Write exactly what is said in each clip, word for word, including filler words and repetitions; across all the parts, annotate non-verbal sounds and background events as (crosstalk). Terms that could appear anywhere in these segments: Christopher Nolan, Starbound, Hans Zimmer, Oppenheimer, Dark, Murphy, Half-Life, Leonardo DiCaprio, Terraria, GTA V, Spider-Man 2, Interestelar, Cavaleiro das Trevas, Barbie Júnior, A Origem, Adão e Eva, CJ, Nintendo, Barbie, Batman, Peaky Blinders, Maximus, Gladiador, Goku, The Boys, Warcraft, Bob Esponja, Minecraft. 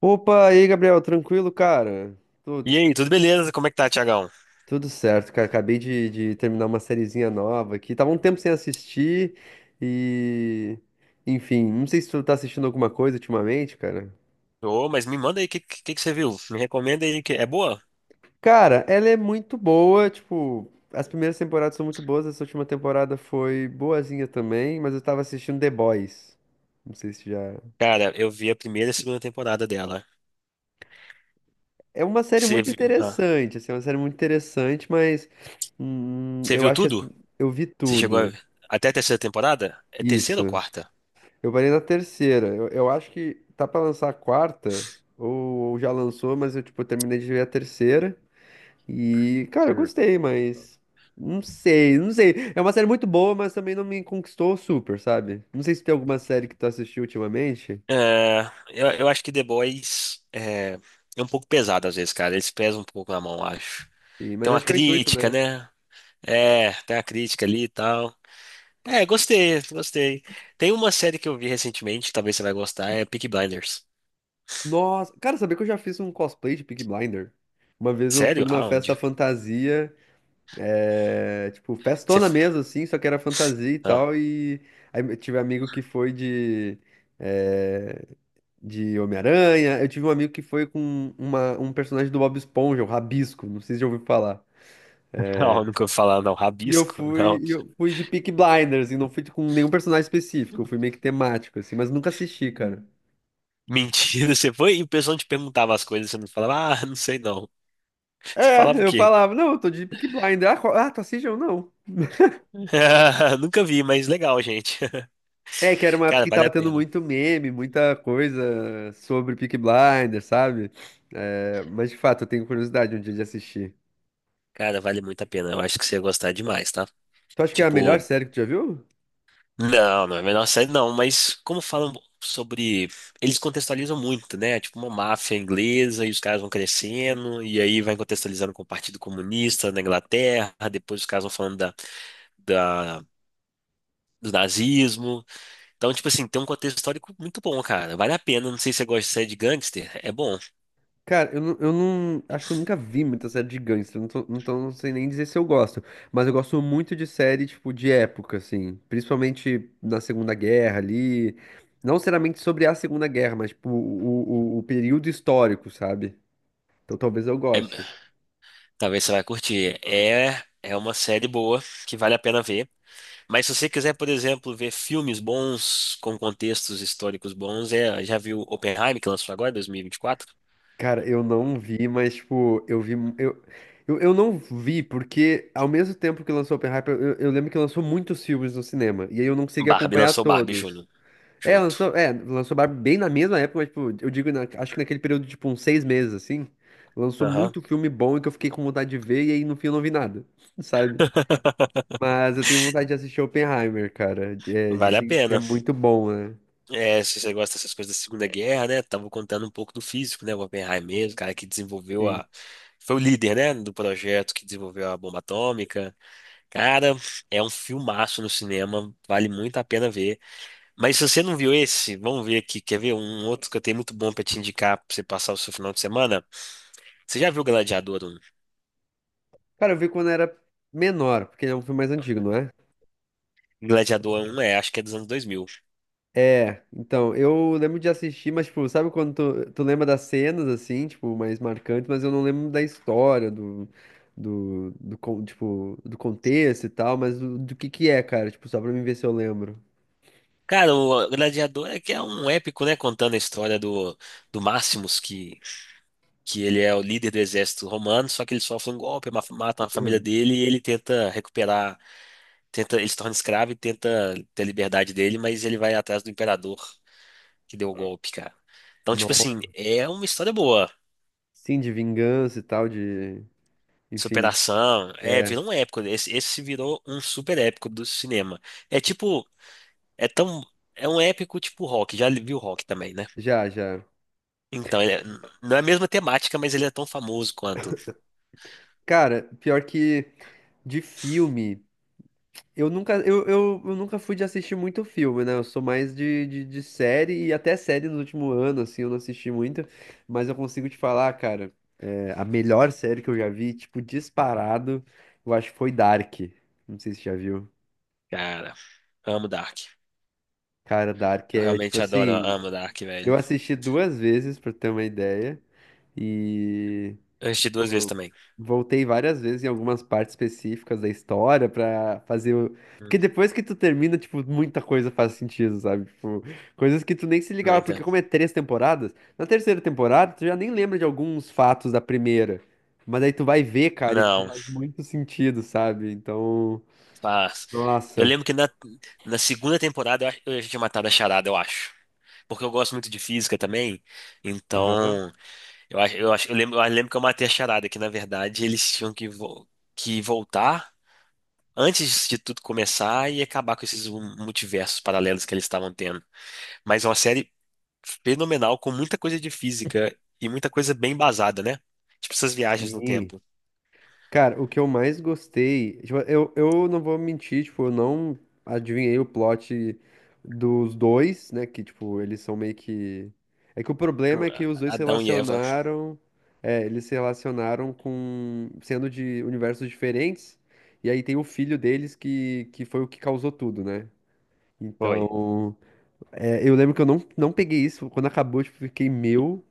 Opa, e aí, Gabriel, tranquilo, cara? Tu- E aí, tudo beleza? Como é que tá, Tiagão? Tudo certo, cara. Acabei de, de terminar uma sériezinha nova aqui. Tava um tempo sem assistir e. Enfim, não sei se tu tá assistindo alguma coisa ultimamente, cara. Ô, mas me manda aí, o que, que, que você viu? Me recomenda aí, que é boa? Cara, ela é muito boa, tipo. As primeiras temporadas são muito boas, essa última temporada foi boazinha também, mas eu tava assistindo The Boys. Não sei se já. Cara, eu vi a primeira e a segunda temporada dela. É uma série Você muito vi- ah, interessante, assim, é uma série muito interessante, mas. Hum, você eu viu acho que as tudo? prim- eu vi Você chegou a- tudo. Até a terceira temporada? É terceira ou Isso. quarta? Eu parei na terceira. Eu, eu acho que tá pra lançar a quarta, ou, ou já lançou, mas eu, tipo, terminei de ver a terceira. E, cara, eu Hum. gostei, mas. Não sei, não sei. É uma série muito boa, mas também não me conquistou super, sabe? Não sei se tem alguma série que tu assistiu ultimamente, É, eu, eu acho que The Boys é, é um pouco pesado às vezes, cara. Eles pesam um pouco na mão, eu acho. e- Tem mas uma acho que é o intuito, crítica, né? né? É, tem uma crítica ali e tal. É, gostei, gostei. Tem uma série que eu vi recentemente, talvez você vai gostar, é Peaky Blinders. Nossa, cara, sabia que eu já fiz um cosplay de Peaky Blinder? Uma vez eu fui Sério? numa festa Aonde? fantasia. É, tipo, Você... festona mesmo, assim, só que era fantasia e Ah, tal. E aí eu tive amigo que foi de, é, de Homem-Aranha. Eu tive um amigo que foi com uma, um personagem do Bob Esponja, o Rabisco, não sei se já ouviu falar. não, nunca ouvi falar, não. E eu Rabisco? fui, Não. e eu fui de Peaky Blinders, e não fui com nenhum personagem específico, eu fui meio que temático, assim, mas nunca assisti, cara. Mentira, você foi e o pessoal te perguntava as coisas, você não falava, ah, não sei não. Você falava o É, eu quê? falava, não, eu tô de Peaky Blinders. Ah, qual- ah, tu assiste ou não? (laughs) Nunca vi, mas legal, gente. É, que era uma (laughs) época Cara, que vale tava a tendo pena. muito meme, muita coisa sobre Peaky Blinders, sabe? É, mas de fato, eu tenho curiosidade um dia de assistir. Cara, vale muito a pena. Eu acho que você ia gostar demais, tá? Tu acha que é a melhor Tipo, série que tu já viu? não, não é a menor série, não, mas como falam sobre. Eles contextualizam muito, né? Tipo, uma máfia inglesa e os caras vão crescendo, e aí vai contextualizando com o Partido Comunista na Inglaterra, depois os caras vão falando da. da do nazismo. Então, tipo assim, tem um contexto histórico muito bom, cara. Vale a pena. Não sei se você gosta de série de gangster. É bom. Cara, eu não, eu não- acho que eu nunca vi muita série de gangster, não tô- então não sei nem dizer se eu gosto. Mas eu gosto muito de série, tipo, de época, assim. Principalmente na Segunda Guerra ali. Não necessariamente sobre a Segunda Guerra, mas, tipo, o, o o período histórico, sabe? Então talvez eu goste. É- Talvez você vai curtir. É, é uma série boa que vale a pena ver. Mas se você quiser, por exemplo, ver filmes bons com contextos históricos bons, é, já viu Oppenheimer, que lançou agora, dois mil e vinte e quatro? Cara, eu não vi, mas, tipo, eu vi. Eu, eu, eu não vi, porque ao mesmo tempo que lançou Oppenheimer, eu, eu lembro que lançou muitos filmes no cinema. E aí eu não consegui Barbie acompanhar lançou Barbie todos. Júnior É, junto. lançou, é, lançou Barbie bem na mesma época, mas, tipo, eu digo, na- acho que naquele período, de, tipo, uns seis meses, assim. Lançou Aham. muito filme bom e que eu fiquei com vontade de ver, e aí no fim eu não vi nada, (laughs) sabe? (laughs) Mas eu tenho vontade de assistir Oppenheimer, cara. É, Vale a dizem que é pena. muito bom, né? É, se você gosta dessas coisas da Segunda Guerra, né? Tava contando um pouco do físico, né? O Oppenheimer mesmo, o cara que desenvolveu Sim. a. Foi o líder, né? Do projeto que desenvolveu a bomba atômica. Cara, é um filmaço no cinema, vale muito a pena ver. Mas se você não viu esse, vamos ver aqui. Quer ver um um outro que eu tenho muito bom pra te indicar pra você passar o seu final de semana? Você já viu Gladiador um? Cara, eu vi quando era menor, porque ele é um filme mais antigo, não é? Gladiador um é, acho que é dos anos dois mil. É, então, eu lembro de assistir, mas, tipo, sabe quando tu, tu lembra das cenas, assim, tipo, mais marcantes, mas eu não lembro da história, do, do, do, con- tipo, do contexto e tal, mas do, do que que é, cara, tipo, só pra mim ver se eu lembro. Cara, o Gladiador é que é um épico, né? Contando a história do, do Maximus, que que ele é o líder do exército romano, só que ele sofre um golpe, ma- matam a família dele e ele tenta recuperar, tenta, ele se torna escravo e tenta ter a liberdade dele, mas ele vai atrás do imperador que deu o golpe, cara. Então, tipo assim, Nossa, é uma história boa. sim, de vingança e tal, de, enfim, Superação, é, é, virou um épico. Esse, esse virou um super épico do cinema. É tipo, é tão, é um épico tipo Rock, já viu Rock também, né? já, já. Então, ele é- não é a mesma temática, mas ele é tão famoso quanto. Cara, pior que de filme. Eu nunca, eu, eu, eu nunca fui de assistir muito filme, né? Eu sou mais de, de, de série e até série no último ano, assim, eu não assisti muito, mas eu consigo te falar, cara, é, a melhor série que eu já vi, tipo, disparado, eu acho que foi Dark. Não sei se você já viu. Cara, amo Dark. Cara, Dark Eu é tipo realmente adoro, assim, amo Dark, eu velho. assisti duas vezes, pra ter uma ideia, e Eu assisti duas vezes também. voltei várias vezes em algumas partes específicas da história pra fazer o... Porque Hum. depois que tu termina, tipo, muita coisa faz sentido, sabe? Tipo, coisas que tu nem se ligava, porque Muita. como é três temporadas, na terceira temporada tu já nem lembra de alguns fatos da primeira. Mas aí tu vai ver, cara, e tipo, Não, faz muito sentido, sabe? Então, tá. Eu nossa. lembro que na, na segunda temporada eu, acho- eu já tinha matado a charada, eu acho. Porque eu gosto muito de física também. Aham. Então, eu acho, eu acho, eu lembro, eu lembro que eu matei a charada, que na verdade eles tinham que, vo- que voltar antes de tudo começar e acabar com esses multiversos paralelos que eles estavam tendo. Mas é uma série fenomenal, com muita coisa de física e muita coisa bem embasada, né? Tipo essas viagens no Sim. tempo. Cara, o que eu mais gostei, tipo, eu, eu não vou mentir, tipo, eu não adivinhei o plot dos dois, né? Que, tipo, eles são meio que. É que o problema Tipo, é que os dois se Adão e Eva. relacionaram. É, eles se relacionaram com, sendo de universos diferentes. E aí tem o filho deles que, que foi o que causou tudo, né? Foi. Então, é, eu lembro que eu não, não peguei isso. Quando acabou, tipo, fiquei meu.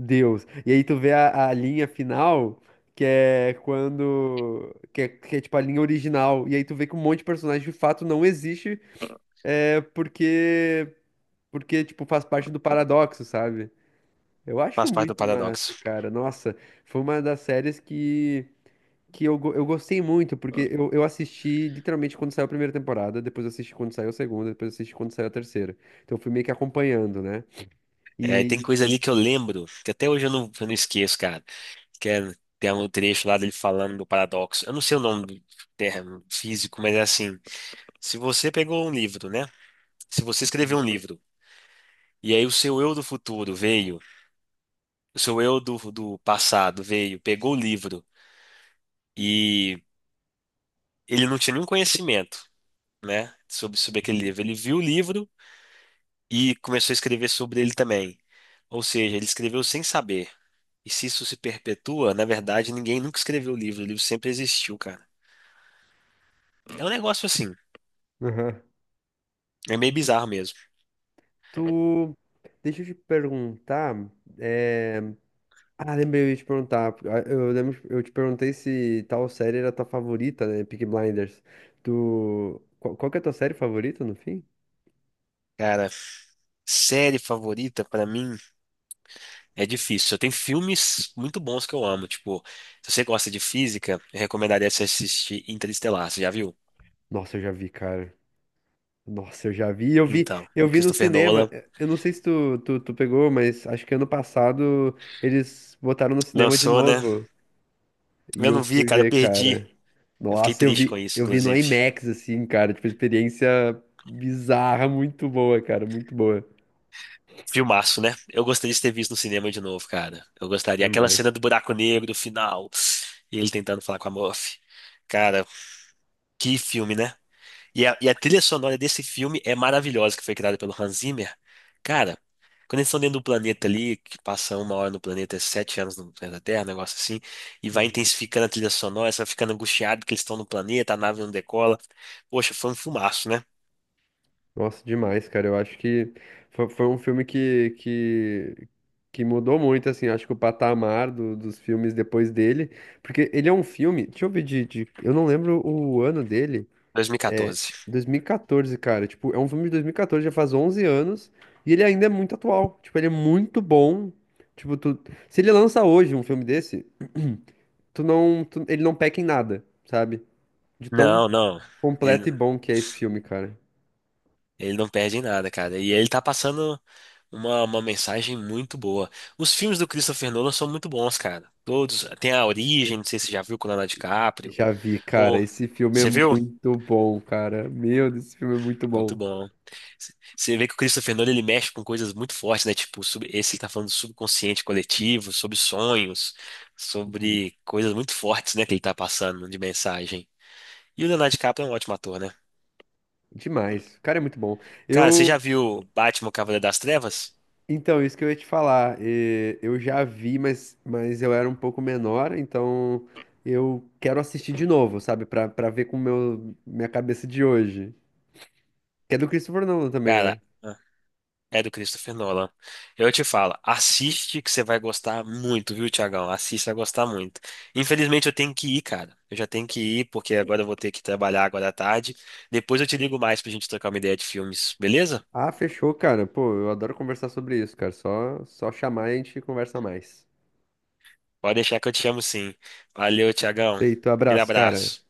Deus. E aí tu vê a, a linha final, que é quando. Que é, que é tipo a linha original. E aí tu vê que um monte de personagem de fato não existe, é, porque. Porque, tipo, faz parte do paradoxo, sabe? Eu acho Faz parte do muito paradoxo. massa, cara. Nossa, foi uma das séries que. Que eu, go- eu gostei muito, porque eu, eu assisti literalmente quando saiu a primeira temporada, depois eu assisti quando saiu a segunda, depois eu assisti quando saiu a terceira. Então eu fui meio que acompanhando, né? É, e tem E, coisa ali que eu lembro, que até hoje eu não, eu não esqueço, cara. Que é, tem um trecho lá dele falando do paradoxo. Eu não sei o nome do termo físico, mas é assim: se você pegou um livro, né? Se você escreveu um livro, e aí o seu eu do futuro veio, o seu eu do, do passado veio, pegou o livro, e ele não tinha nenhum conhecimento, né? Sobre, sobre aquele livro. Ele viu o livro e começou a escrever sobre ele também. Ou seja, ele escreveu sem saber. E se isso se perpetua, na verdade, ninguém nunca escreveu o livro, o livro sempre existiu, cara. É um negócio assim, aham. é meio bizarro mesmo. Tu. Deixa eu te perguntar. É... Ah, lembrei, eu ia te perguntar, ah, eu lembro, eu te perguntei se tal série era tua favorita, né? Peaky Blinders. Tu. Qual, qual que é a tua série favorita no fim? Cara, série favorita pra mim é difícil. Eu tenho filmes muito bons que eu amo, tipo, se você gosta de física, eu recomendaria você assistir Interestelar, você já viu? Nossa, eu já vi, cara. Nossa, eu já vi. Eu vi, Então, eu o vi no Christopher cinema. Nolan eh, Eu não sei se tu, tu, tu pegou, mas acho que ano passado eles botaram no cinema de lançou, né? novo. E Eu eu não vi, fui cara, eu ver, perdi. cara. Eu fiquei Nossa, eu triste com vi, isso, eu vi no inclusive. IMAX, assim, cara. Tipo, experiência bizarra, muito boa, cara. Muito boa. Filmaço, né? Eu gostaria de ter visto no cinema de novo, cara. Eu gostaria. Aquela cena Demais. do buraco negro, do final, e ele tentando falar com a Murphy. Cara, que filme, né? E a, e a trilha sonora desse filme é maravilhosa, que foi criada pelo Hans Zimmer. Cara, quando eles estão dentro do planeta ali, que passa uma hora no planeta, é sete anos no planeta Terra, um negócio assim, e vai Uhum. intensificando a trilha sonora, você vai ficando angustiado que eles estão no planeta, a nave não decola. Poxa, foi um filmaço, né? Nossa, demais, cara. Eu acho que foi, foi um filme que, que, que mudou muito, assim. Acho que o patamar do- dos filmes depois dele. Porque ele é um filme. Deixa eu ver de. de- eu não lembro o ano dele. É, dois mil e quatorze. dois mil e quatorze, cara. Tipo, é um filme de dois mil e quatorze, já faz onze anos. E ele ainda é muito atual. Tipo, ele é muito bom. Tipo, tu... se ele lança hoje um filme desse, (clears throat) tu não, tu- ele não peca em nada, sabe? De tão Não, não. completo e Ele, bom que é esse filme, cara. Ele não perde em nada, cara. E ele tá passando uma, uma mensagem muito boa. Os filmes do Christopher Nolan são muito bons, cara. Todos. Tem A Origem, não sei se você já viu com o Leonardo DiCaprio. Já vi, cara. Ou. Esse filme é Você viu? muito bom, cara. Meu Deus, esse filme é muito Muito bom. bom. C- Você vê que o Christopher Nolan ele mexe com coisas muito fortes, né? Tipo, sobre esse que tá falando do subconsciente coletivo, sobre sonhos, sobre coisas muito fortes, né? Que ele tá passando de mensagem. E o Leonardo DiCaprio é um ótimo ator, né? Demais. Cara, é muito bom. Cara, você já Eu viu Batman, o Cavaleiro das Trevas? então, isso que eu ia te falar, eh, eu já vi, mas, mas eu era um pouco menor, então eu quero assistir de novo, sabe? Pra, pra ver com meu, minha cabeça de hoje. Que é do Christopher Nolan também, Cara. né? É do Christopher Nolan. Eu te falo, assiste que você vai gostar muito, viu, Tiagão? Assiste, vai gostar muito. Infelizmente eu tenho que ir, cara. Eu já tenho que ir, porque agora eu vou ter que trabalhar agora à tarde. Depois eu te ligo mais pra gente trocar uma ideia de filmes, beleza? Ah, fechou, cara. Pô, eu adoro conversar sobre isso, cara. Só, só chamar e a gente conversa mais. Pode deixar que eu te chamo sim. Valeu, Tiagão. Feito, Aquele abraço, cara. abraço.